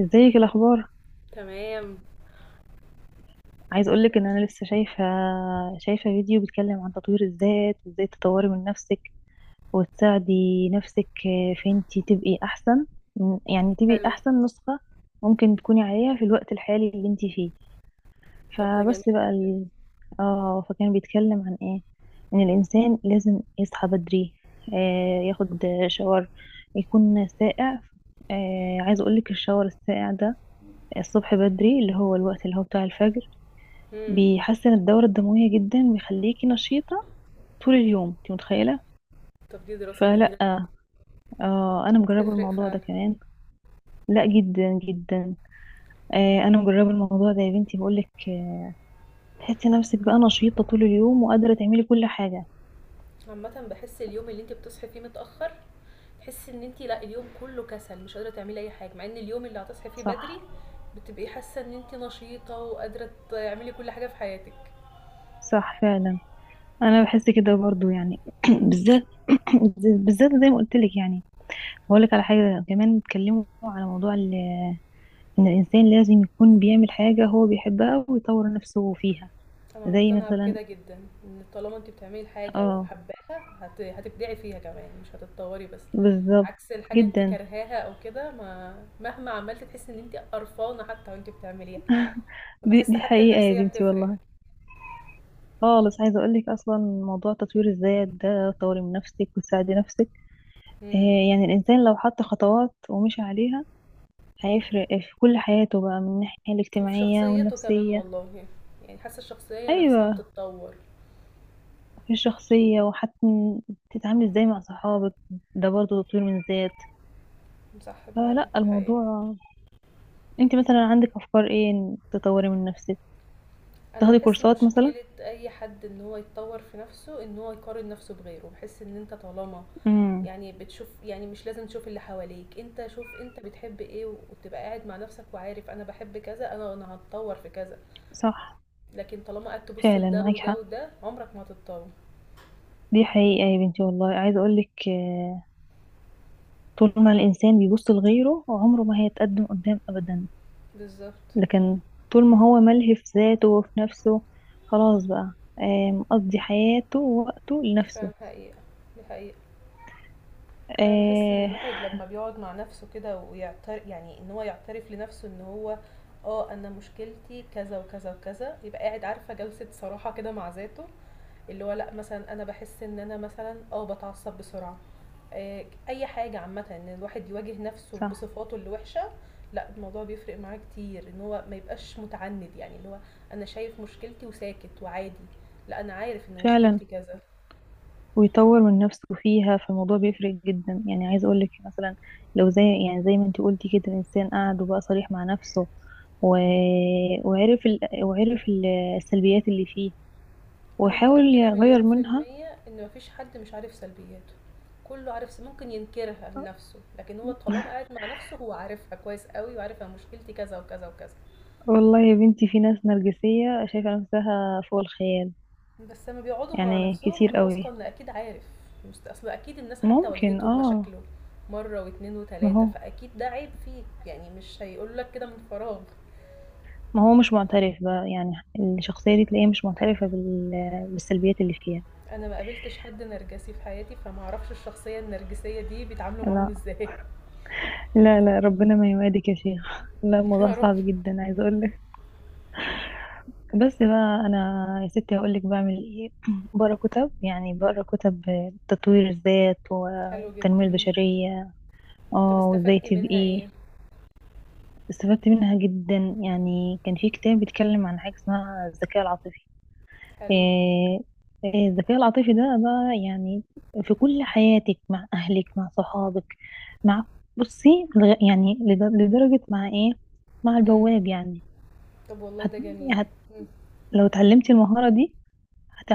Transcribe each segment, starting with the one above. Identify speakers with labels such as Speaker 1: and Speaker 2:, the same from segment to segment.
Speaker 1: ازيك؟ إيه الاخبار؟
Speaker 2: تمام.
Speaker 1: عايز اقولك ان انا لسه شايفه فيديو بيتكلم عن تطوير الذات وازاي تطوري من نفسك وتساعدي نفسك، في انتي تبقي احسن، يعني تبقي
Speaker 2: حلو.
Speaker 1: احسن نسخه ممكن تكوني عليها في الوقت الحالي اللي انتي فيه.
Speaker 2: طب ده جميل
Speaker 1: فبس بقى
Speaker 2: جدا.
Speaker 1: ال... اه فكان بيتكلم عن ايه، ان الانسان لازم يصحى بدري، ياخد شاور، يكون ساقع. عايز اقولك الشاور الساقع ده الصبح بدري، اللي هو الوقت اللي هو بتاع الفجر،
Speaker 2: امم.
Speaker 1: بيحسن الدورة الدموية جدا، بيخليكي نشيطة طول اليوم، انت متخيلة؟
Speaker 2: طب دي دراسة
Speaker 1: فلا.
Speaker 2: جميلة جدا.
Speaker 1: آه، انا مجربة
Speaker 2: تفرق
Speaker 1: الموضوع ده
Speaker 2: فعلا.
Speaker 1: كمان. لا، جدا جدا. آه، انا مجربة الموضوع ده يا بنتي، بقولك آه. تحسي نفسك بقى نشيطة طول اليوم وقادرة تعملي كل حاجة.
Speaker 2: عامة بحس اليوم اللي انت بتصحي فيه متأخر تحسي ان انت لا اليوم كله كسل مش قادرة تعملي اي حاجة، مع ان اليوم اللي هتصحي فيه بدري
Speaker 1: صح،
Speaker 2: بتبقي حاسة ان انت نشيطة وقادرة تعملي كل حاجة في حياتك.
Speaker 1: صح فعلا. انا بحس كده برضو يعني بالذات بالذات زي ما قلت لك يعني. هقول لك على حاجة كمان، اتكلموا على موضوع ان الانسان لازم يكون بيعمل حاجة هو بيحبها ويطور نفسه فيها.
Speaker 2: انا
Speaker 1: زي
Speaker 2: مقتنعه
Speaker 1: مثلا.
Speaker 2: بكده جدا، ان طالما انت بتعملي حاجه
Speaker 1: اه،
Speaker 2: وحباها هتبدعي فيها كمان، مش هتتطوري بس.
Speaker 1: بالظبط
Speaker 2: عكس الحاجه انت
Speaker 1: جدا.
Speaker 2: كرهاها او كده، ما مهما عملتي تحسي ان انت قرفانه حتى وانت بتعمليها.
Speaker 1: دي
Speaker 2: فبحس
Speaker 1: دي
Speaker 2: حتى
Speaker 1: حقيقة يا
Speaker 2: النفسيه
Speaker 1: بنتي
Speaker 2: بتفرق.
Speaker 1: والله. خالص. عايزة أقولك أصلا موضوع تطوير الذات ده طوري من نفسك وتساعدي نفسك،
Speaker 2: امم.
Speaker 1: يعني الإنسان لو حط خطوات ومشي عليها هيفرق في كل حياته بقى، من الناحية
Speaker 2: وفي
Speaker 1: الاجتماعية
Speaker 2: شخصيته كمان
Speaker 1: والنفسية.
Speaker 2: والله، يعني حاسه الشخصيه نفسها
Speaker 1: أيوة.
Speaker 2: بتتطور.
Speaker 1: في الشخصية، وحتى تتعاملي ازاي مع صحابك، ده برضه تطوير من الذات.
Speaker 2: صح فعلا،
Speaker 1: فلا
Speaker 2: دي حقيقه.
Speaker 1: الموضوع. انت مثلا عندك أفكار ايه إن تطوري من نفسك؟
Speaker 2: انا
Speaker 1: تاخدي
Speaker 2: بحس
Speaker 1: كورسات مثلا.
Speaker 2: مشكلة اي حد ان هو يتطور في نفسه ان هو يقارن نفسه بغيره، بحس ان انت طالما
Speaker 1: امم.
Speaker 2: يعني بتشوف، يعني مش لازم تشوف اللي حواليك، انت شوف انت بتحب ايه وتبقى قاعد مع نفسك وعارف انا بحب كذا، انا هتطور في كذا.
Speaker 1: صح
Speaker 2: لكن طالما قعدت تبص
Speaker 1: فعلا،
Speaker 2: لده
Speaker 1: معاكي
Speaker 2: وده
Speaker 1: حق.
Speaker 2: وده، عمرك ما هتتطور.
Speaker 1: دي حقيقة يا بنتي والله، عايزة أقولك طول ما الإنسان بيبص لغيره عمره ما هيتقدم قدام أبدا.
Speaker 2: بالظبط.
Speaker 1: لكن طول ما هو ملهي في ذاته وفي نفسه خلاص بقى، مقضي حياته ووقته
Speaker 2: دي فعلا
Speaker 1: لنفسه.
Speaker 2: حقيقة، دي حقيقة. أنا باحس إن
Speaker 1: آه.
Speaker 2: الواحد لمّا بيقعد مع نفسه كده يعني إن هو يعترف لنفسه إن هو أنا مشكلتي كذا وكذا وكذا، يبقى قاعد، عارفة، جلسة صراحة كده مع ذاته، اللي هو لأ. مثلًا أنا باحس إن أنا مثلًا باتعصب بسرعة، أي حاجة. عامةً إن الواحد يواجه نفسه
Speaker 1: صح
Speaker 2: بصفاته الوحشة، لأ الموضوع بيفرق معاه كتير. إن هو ما يبقاش متعند، يعني اللي هو أنا شايف مشكلتي وساكت وعادي، لأ أنا عارف إن
Speaker 1: فعلا،
Speaker 2: مشكلتي كذا.
Speaker 1: ويطور من نفسه فيها، فالموضوع بيفرق جدا يعني. عايزة أقولك مثلا، لو زي، يعني زي ما انتي قلتي كده، الإنسان قعد وبقى صريح مع نفسه و... وعرف السلبيات اللي فيه
Speaker 2: انا
Speaker 1: وحاول
Speaker 2: متاكده
Speaker 1: يغير
Speaker 2: مليون في
Speaker 1: منها.
Speaker 2: الميه ان مفيش حد مش عارف سلبياته. كله عارف، ممكن ينكرها لنفسه، لكن هو طالما قاعد مع نفسه هو عارفها كويس قوي وعارف انا مشكلتي كذا وكذا وكذا.
Speaker 1: والله يا بنتي، في ناس نرجسية شايفة نفسها فوق الخيال،
Speaker 2: بس لما بيقعدوا مع
Speaker 1: يعني
Speaker 2: نفسهم
Speaker 1: كتير
Speaker 2: انا
Speaker 1: قوي.
Speaker 2: واثقه ان اكيد عارف. اصل اكيد الناس حتى
Speaker 1: ممكن
Speaker 2: واجهته
Speaker 1: اه.
Speaker 2: بمشاكله مره واتنين
Speaker 1: ما
Speaker 2: وتلاته،
Speaker 1: هو
Speaker 2: فاكيد ده عيب فيك، يعني مش هيقول لك كده من فراغ.
Speaker 1: ما هو مش معترف بقى يعني، الشخصية دي تلاقيها مش معترفة بالسلبيات اللي فيها.
Speaker 2: انا ما قابلتش حد نرجسي في حياتي، فما اعرفش الشخصيه النرجسيه دي بيتعاملوا معاهم
Speaker 1: لا،
Speaker 2: ازاي.
Speaker 1: لا، لا، ربنا ما يوادك يا شيخ لا، الموضوع
Speaker 2: يا رب.
Speaker 1: صعب جدا، عايزة اقولك. بس بقى انا يا ستي هقولك بعمل ايه بقرا كتب، يعني بقرا كتب تطوير الذات
Speaker 2: حلو
Speaker 1: والتنمية
Speaker 2: جدا.
Speaker 1: البشرية.
Speaker 2: طب
Speaker 1: اه، وازاي
Speaker 2: استفدتي منها ايه؟
Speaker 1: تبقي. استفدت منها جدا، يعني كان في كتاب بيتكلم عن حاجة اسمها الذكاء العاطفي.
Speaker 2: حلو.
Speaker 1: إيه إيه الذكاء العاطفي ده بقى يعني، في كل حياتك، مع أهلك، مع صحابك، مع بصي، لدرجة مع إيه، مع
Speaker 2: إمم.
Speaker 1: البواب يعني.
Speaker 2: طب والله
Speaker 1: هت...
Speaker 2: ده جميل.
Speaker 1: هت...
Speaker 2: إمم.
Speaker 1: لو اتعلمتي المهارة دي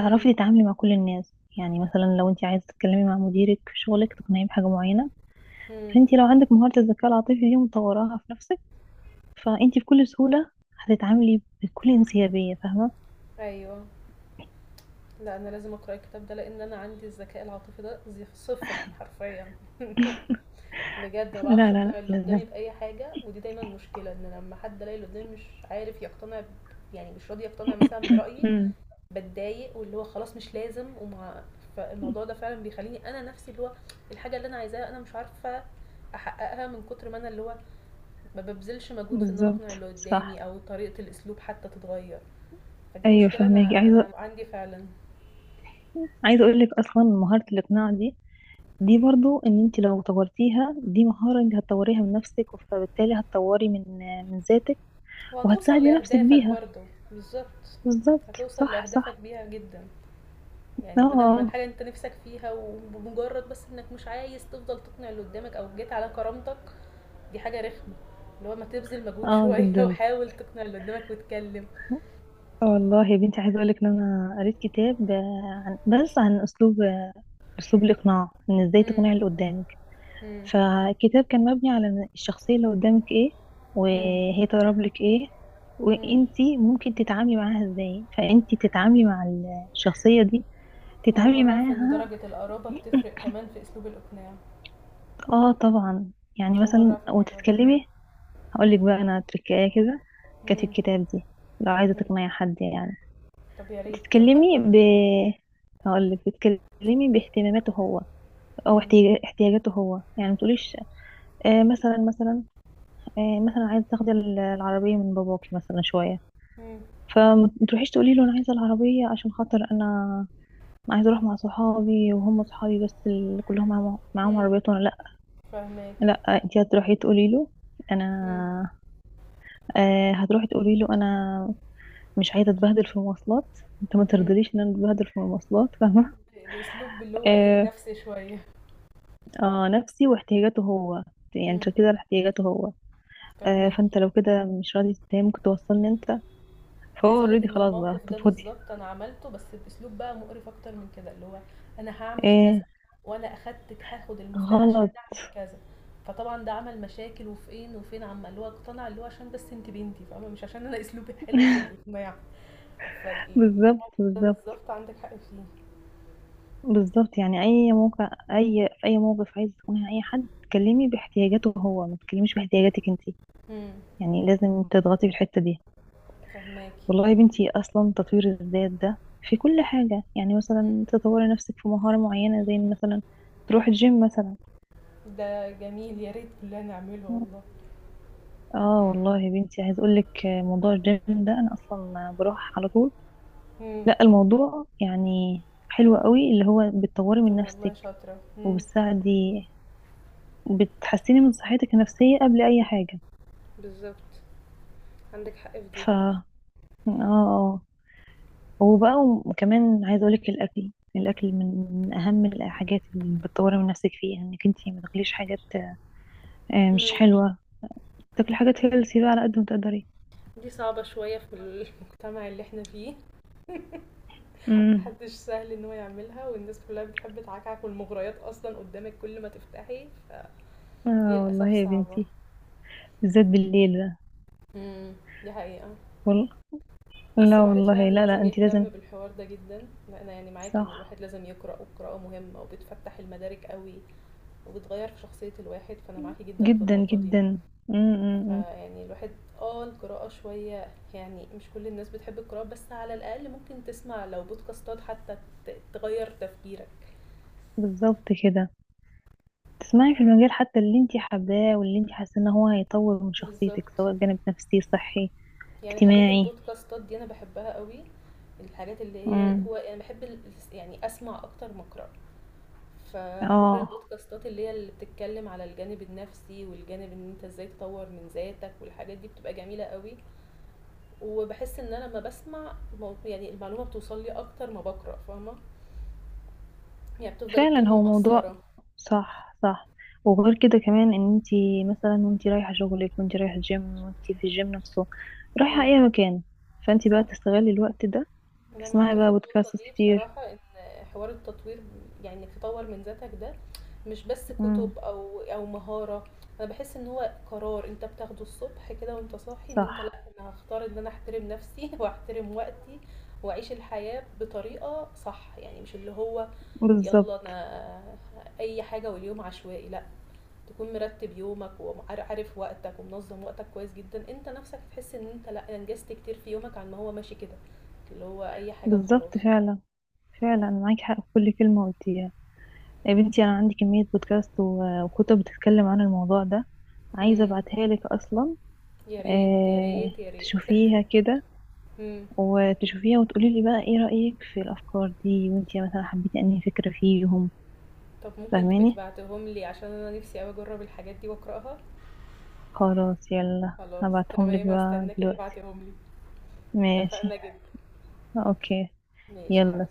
Speaker 2: إمم.
Speaker 1: تتعاملي مع كل الناس، يعني مثلا لو انت عايزة تتكلمي مع مديرك في شغلك تقنعيه بحاجة معينة،
Speaker 2: إمم.
Speaker 1: فانت لو عندك مهارة الذكاء العاطفي دي ومطوراها في نفسك، فانتي بكل سهولة هتتعاملي بكل انسيابية، فاهمة؟
Speaker 2: أيوه. لأ، أنا لازم أقرأ الكتاب ده، لإن أنا عندي الذكاء العاطفي ده زي صفر حرفيًا. بجد ما
Speaker 1: لا، لا،
Speaker 2: باعرفش
Speaker 1: لا،
Speaker 2: أقنع اللي
Speaker 1: لازم.
Speaker 2: قدامي بأي حاجة، ودي دايمًا مشكلة. إن لما حد ألاقي اللي قدامي مش عارف يقتنع ب، يعني مش راضي يقتنع مثلًا برأيي،
Speaker 1: امم.
Speaker 2: باتضايق واللي هو خلاص مش لازم وما، فالموضوع ده فعلًا بيخلّيني أنا نفسي اللي هو الحاجة اللي أنا عايزاها أنا مش عارفة أحققها، من كتر ما أنا اللي هو ما ببذلش مجهود في ان انا اقنع
Speaker 1: بالظبط،
Speaker 2: اللي
Speaker 1: صح.
Speaker 2: قدامي او طريقة الاسلوب حتى تتغير. فدي
Speaker 1: ايوه
Speaker 2: مشكلة
Speaker 1: فاهماكي،
Speaker 2: انا
Speaker 1: عايزة
Speaker 2: عندي فعلا.
Speaker 1: عايزة اقول لك اصلا مهارة الاقناع دي، دي برضو ان انت لو طورتيها، دي مهارة انت هتطوريها من نفسك، فبالتالي هتطوري من ذاتك،
Speaker 2: وهتوصل
Speaker 1: وهتساعدي نفسك
Speaker 2: لاهدافك
Speaker 1: بيها.
Speaker 2: برضو. بالظبط.
Speaker 1: بالظبط،
Speaker 2: هتوصل
Speaker 1: صح،
Speaker 2: لاهدافك
Speaker 1: صح.
Speaker 2: بيها جدا.
Speaker 1: اه،
Speaker 2: يعني بدل ما
Speaker 1: اه.
Speaker 2: الحاجة انت نفسك فيها، وبمجرد بس انك مش عايز تفضل تقنع اللي قدامك او جيت على كرامتك، دي حاجة رخمة. اللي هو ما تبذل مجهود
Speaker 1: آه،
Speaker 2: شوية
Speaker 1: جدا.
Speaker 2: وحاول تقنع اللي قدامك وتكلم.
Speaker 1: آه والله يا بنتي، عايزة اقول لك ان انا قريت كتاب عن اسلوب الاقناع، ان ازاي
Speaker 2: مم،
Speaker 1: تقنعي اللي قدامك.
Speaker 2: مم،
Speaker 1: فالكتاب كان مبني على إن الشخصية اللي قدامك ايه،
Speaker 2: مم،
Speaker 1: وهي تقرب لك ايه،
Speaker 2: مم.
Speaker 1: وانتي ممكن تتعاملي معاها ازاي، فانتي تتعاملي مع الشخصية دي،
Speaker 2: أنا أول
Speaker 1: تتعاملي
Speaker 2: مرة أعرف إن
Speaker 1: معاها.
Speaker 2: درجة القرابة بتفرق كمان في أسلوب الإقناع.
Speaker 1: اه طبعا. يعني
Speaker 2: أول مرة
Speaker 1: مثلا
Speaker 2: أعرف الموضوع ده.
Speaker 1: وتتكلمي، هقولك بقى انا تركاية كده كانت في
Speaker 2: مم.
Speaker 1: الكتاب دي، لو عايزة
Speaker 2: مم.
Speaker 1: تقنعي حد يعني
Speaker 2: طب يا ريت.
Speaker 1: تتكلمي ب، هقولك بتتكلمي باهتماماته هو، او
Speaker 2: مم.
Speaker 1: احتياجاته هو، يعني متقوليش مثلا مثلا عايزه تاخدي العربيه من باباكي مثلا شويه،
Speaker 2: مم.
Speaker 1: فما تروحيش تقولي له انا عايزه العربيه عشان خاطر انا، عايزه اروح مع صحابي وهم صحابي بس اللي كلهم معاهم
Speaker 2: مم.
Speaker 1: عربيات وانا لا. لا،
Speaker 2: فهماكي.
Speaker 1: انت هتروحي تقولي له
Speaker 2: مم.
Speaker 1: انا، هتروحي تقولي له انا مش عايزه اتبهدل في المواصلات، انت ما
Speaker 2: مم.
Speaker 1: ترضليش ان انا اتبهدل في المواصلات، فاهمه؟
Speaker 2: باسلوب اللي هو ايه،
Speaker 1: آه.
Speaker 2: نفسي شويه.
Speaker 1: اه نفسي واحتياجاته هو، يعني
Speaker 2: مم.
Speaker 1: تركيز على احتياجاته هو. فانت
Speaker 2: فهماكي.
Speaker 1: لو كده مش راضي تتهمك توصلني انت، فهو
Speaker 2: عايز اقولك
Speaker 1: اوريدي
Speaker 2: ان
Speaker 1: خلاص بقى،
Speaker 2: الموقف ده
Speaker 1: طب فاضي.
Speaker 2: بالظبط انا عملته، بس باسلوب بقى مقرف اكتر من كده، اللي هو انا هعمل كذا
Speaker 1: ايه،
Speaker 2: وانا اخدت هاخد المفتاح عشان
Speaker 1: غلط.
Speaker 2: اعمل كذا. فطبعا ده عمل مشاكل. وفين وفين عم، اللي هو اقتنع اللي هو عشان بس انت بنتي فاهمه، مش عشان انا اسلوبي حلو في الاقناع.
Speaker 1: بالظبط،
Speaker 2: فالموقف ده
Speaker 1: بالظبط،
Speaker 2: بالظبط عندك حق فيه.
Speaker 1: بالظبط. يعني اي موقع اي في اي موقف عايز تكوني اي حد، تكلمي باحتياجاته هو، ما تتكلميش باحتياجاتك انت،
Speaker 2: مم.
Speaker 1: يعني لازم تضغطي في الحته دي.
Speaker 2: فهماكي.
Speaker 1: والله يا بنتي، اصلا تطوير الذات ده في كل حاجه، يعني مثلا تطوري نفسك في مهاره معينه، زي مثلا تروحي الجيم مثلا.
Speaker 2: ده جميل، يا ريت كلنا نعمله والله.
Speaker 1: اه والله يا بنتي، عايز اقول لك موضوع الجيم ده انا اصلا بروح على طول.
Speaker 2: مم.
Speaker 1: لا، الموضوع يعني حلو قوي، اللي هو بتطوري من
Speaker 2: طب والله
Speaker 1: نفسك
Speaker 2: شاطرة. مم.
Speaker 1: وبتساعدي، بتحسني من صحتك النفسية قبل أي حاجة.
Speaker 2: بالظبط. عندك حق في دي.
Speaker 1: ف اه، اه. وبقى، وكمان عايزة أقولك الأكل من أهم الحاجات اللي بتطوري من نفسك فيها، إنك انتي ما تاكليش حاجات مش
Speaker 2: مم.
Speaker 1: حلوة، تاكلي حاجات هيلثي بقى على قد ما تقدري.
Speaker 2: دي صعبة شوية في المجتمع اللي احنا فيه.
Speaker 1: امم.
Speaker 2: محدش سهل ان هو يعملها، والناس كلها بتحب تعكعك، والمغريات اصلا قدامك كل ما تفتحي، فدي
Speaker 1: اه والله
Speaker 2: للاسف
Speaker 1: يا
Speaker 2: صعبة.
Speaker 1: بنتي، بالذات بالليل ده.
Speaker 2: مم. دي حقيقة.
Speaker 1: وال...
Speaker 2: بس
Speaker 1: لا
Speaker 2: الواحد
Speaker 1: والله،
Speaker 2: فعلا
Speaker 1: لا، لا،
Speaker 2: لازم
Speaker 1: انتي لازم.
Speaker 2: يهتم بالحوار ده جدا. انا يعني معاكي، ان
Speaker 1: صح،
Speaker 2: الواحد لازم يقرأ، والقراءة مهمة وبتفتح المدارك قوي وبتغير في شخصية الواحد، فأنا معاكي جدا في
Speaker 1: جدا
Speaker 2: النقطة دي.
Speaker 1: جدا. امم.
Speaker 2: فيعني الواحد، اه القراءة شوية، يعني مش كل الناس بتحب القراءة، بس على الأقل ممكن تسمع لو بودكاستات حتى تغير تفكيرك.
Speaker 1: بالظبط كده، تسمعي في المجال حتى اللي انتي حباه، واللي انتي حاسه ان هو هيطور من شخصيتك،
Speaker 2: بالظبط.
Speaker 1: سواء جانب نفسي، صحي،
Speaker 2: يعني حاجات
Speaker 1: اجتماعي.
Speaker 2: البودكاستات دي أنا بحبها قوي. الحاجات اللي هي
Speaker 1: امم.
Speaker 2: هو أنا بحب يعني أسمع أكتر ما أقرأ. فحوار
Speaker 1: اه
Speaker 2: البودكاستات اللي هي اللي بتتكلم على الجانب النفسي، والجانب ان انت ازاي تطور من ذاتك، والحاجات دي بتبقى جميلة قوي. وباحس إن أنا لمّا باسمع يعني المعلومة بتوصل لي أكتر ما باقرأ، فاهمة، يعني بتفضل
Speaker 1: فعلا،
Speaker 2: الكلمة
Speaker 1: هو موضوع.
Speaker 2: مأثّرة.
Speaker 1: صح، صح. وغير كده كمان، ان انتي مثلا وانتي رايحه شغلك، وانتي رايحه الجيم، وانتي في الجيم نفسه، رايحه اي
Speaker 2: إمم،
Speaker 1: مكان، فانتي بقى
Speaker 2: صح،
Speaker 1: تستغلي الوقت ده،
Speaker 2: أنا معاكِ
Speaker 1: تسمعي
Speaker 2: في
Speaker 1: بقى
Speaker 2: النقطة
Speaker 1: بودكاست
Speaker 2: دي
Speaker 1: كتير.
Speaker 2: بصراحة. إن حوار التطوير، يعني إنك تطوّر من ذاتك ده مش بس
Speaker 1: امم.
Speaker 2: كُتب أو مهارة، أنا باحس إن هو قرار أنت بتاخده الصبح كده وأنت صاحي، إن
Speaker 1: صح،
Speaker 2: أنت لأ، أنا هاختار إن أنا أحترم نفسي وأحترم وقتي وأعيش الحياة بطريقة صح، يعني مش اللي هو يالّا
Speaker 1: بالظبط،
Speaker 2: أنا أي حاجة واليوم عشوائي، لأ. تكون مرتب يومك وعارف وقتك ومنظم وقتك كويس جدا، انت نفسك هتحس ان انت لا انجزت كتير في يومك عن ما هو ماشي كده، اللي هو اي حاجة
Speaker 1: بالظبط.
Speaker 2: وخلاص.
Speaker 1: فعلا، فعلا معاكي حق في كل كلمه قلتيها. يا بنتي انا عندي كمية بودكاست وكتب بتتكلم عن الموضوع ده، عايزة
Speaker 2: امم.
Speaker 1: ابعتها لك اصلا.
Speaker 2: يا ريت، يا ريت، يا ريت.
Speaker 1: تشوفيها كده،
Speaker 2: امم.
Speaker 1: وتشوفيها وتقولي لي بقى ايه رأيك في الافكار دي، وانتي مثلا حبيتي انهي فكرة فيهم،
Speaker 2: طب ممكن تبقي
Speaker 1: فاهماني؟
Speaker 2: تبعتهم لي، عشان انا نفسي قوي اجرب الحاجات دي واقراها.
Speaker 1: خلاص يلا،
Speaker 2: خلاص.
Speaker 1: هبعتهم لك
Speaker 2: تمام،
Speaker 1: بقى
Speaker 2: هستناكي
Speaker 1: دلوقتي.
Speaker 2: تبعتيهم لي.
Speaker 1: ماشي،
Speaker 2: اتفقنا جدا.
Speaker 1: اوكي،
Speaker 2: ماشي يا
Speaker 1: يلا سلام.
Speaker 2: حبيبتي.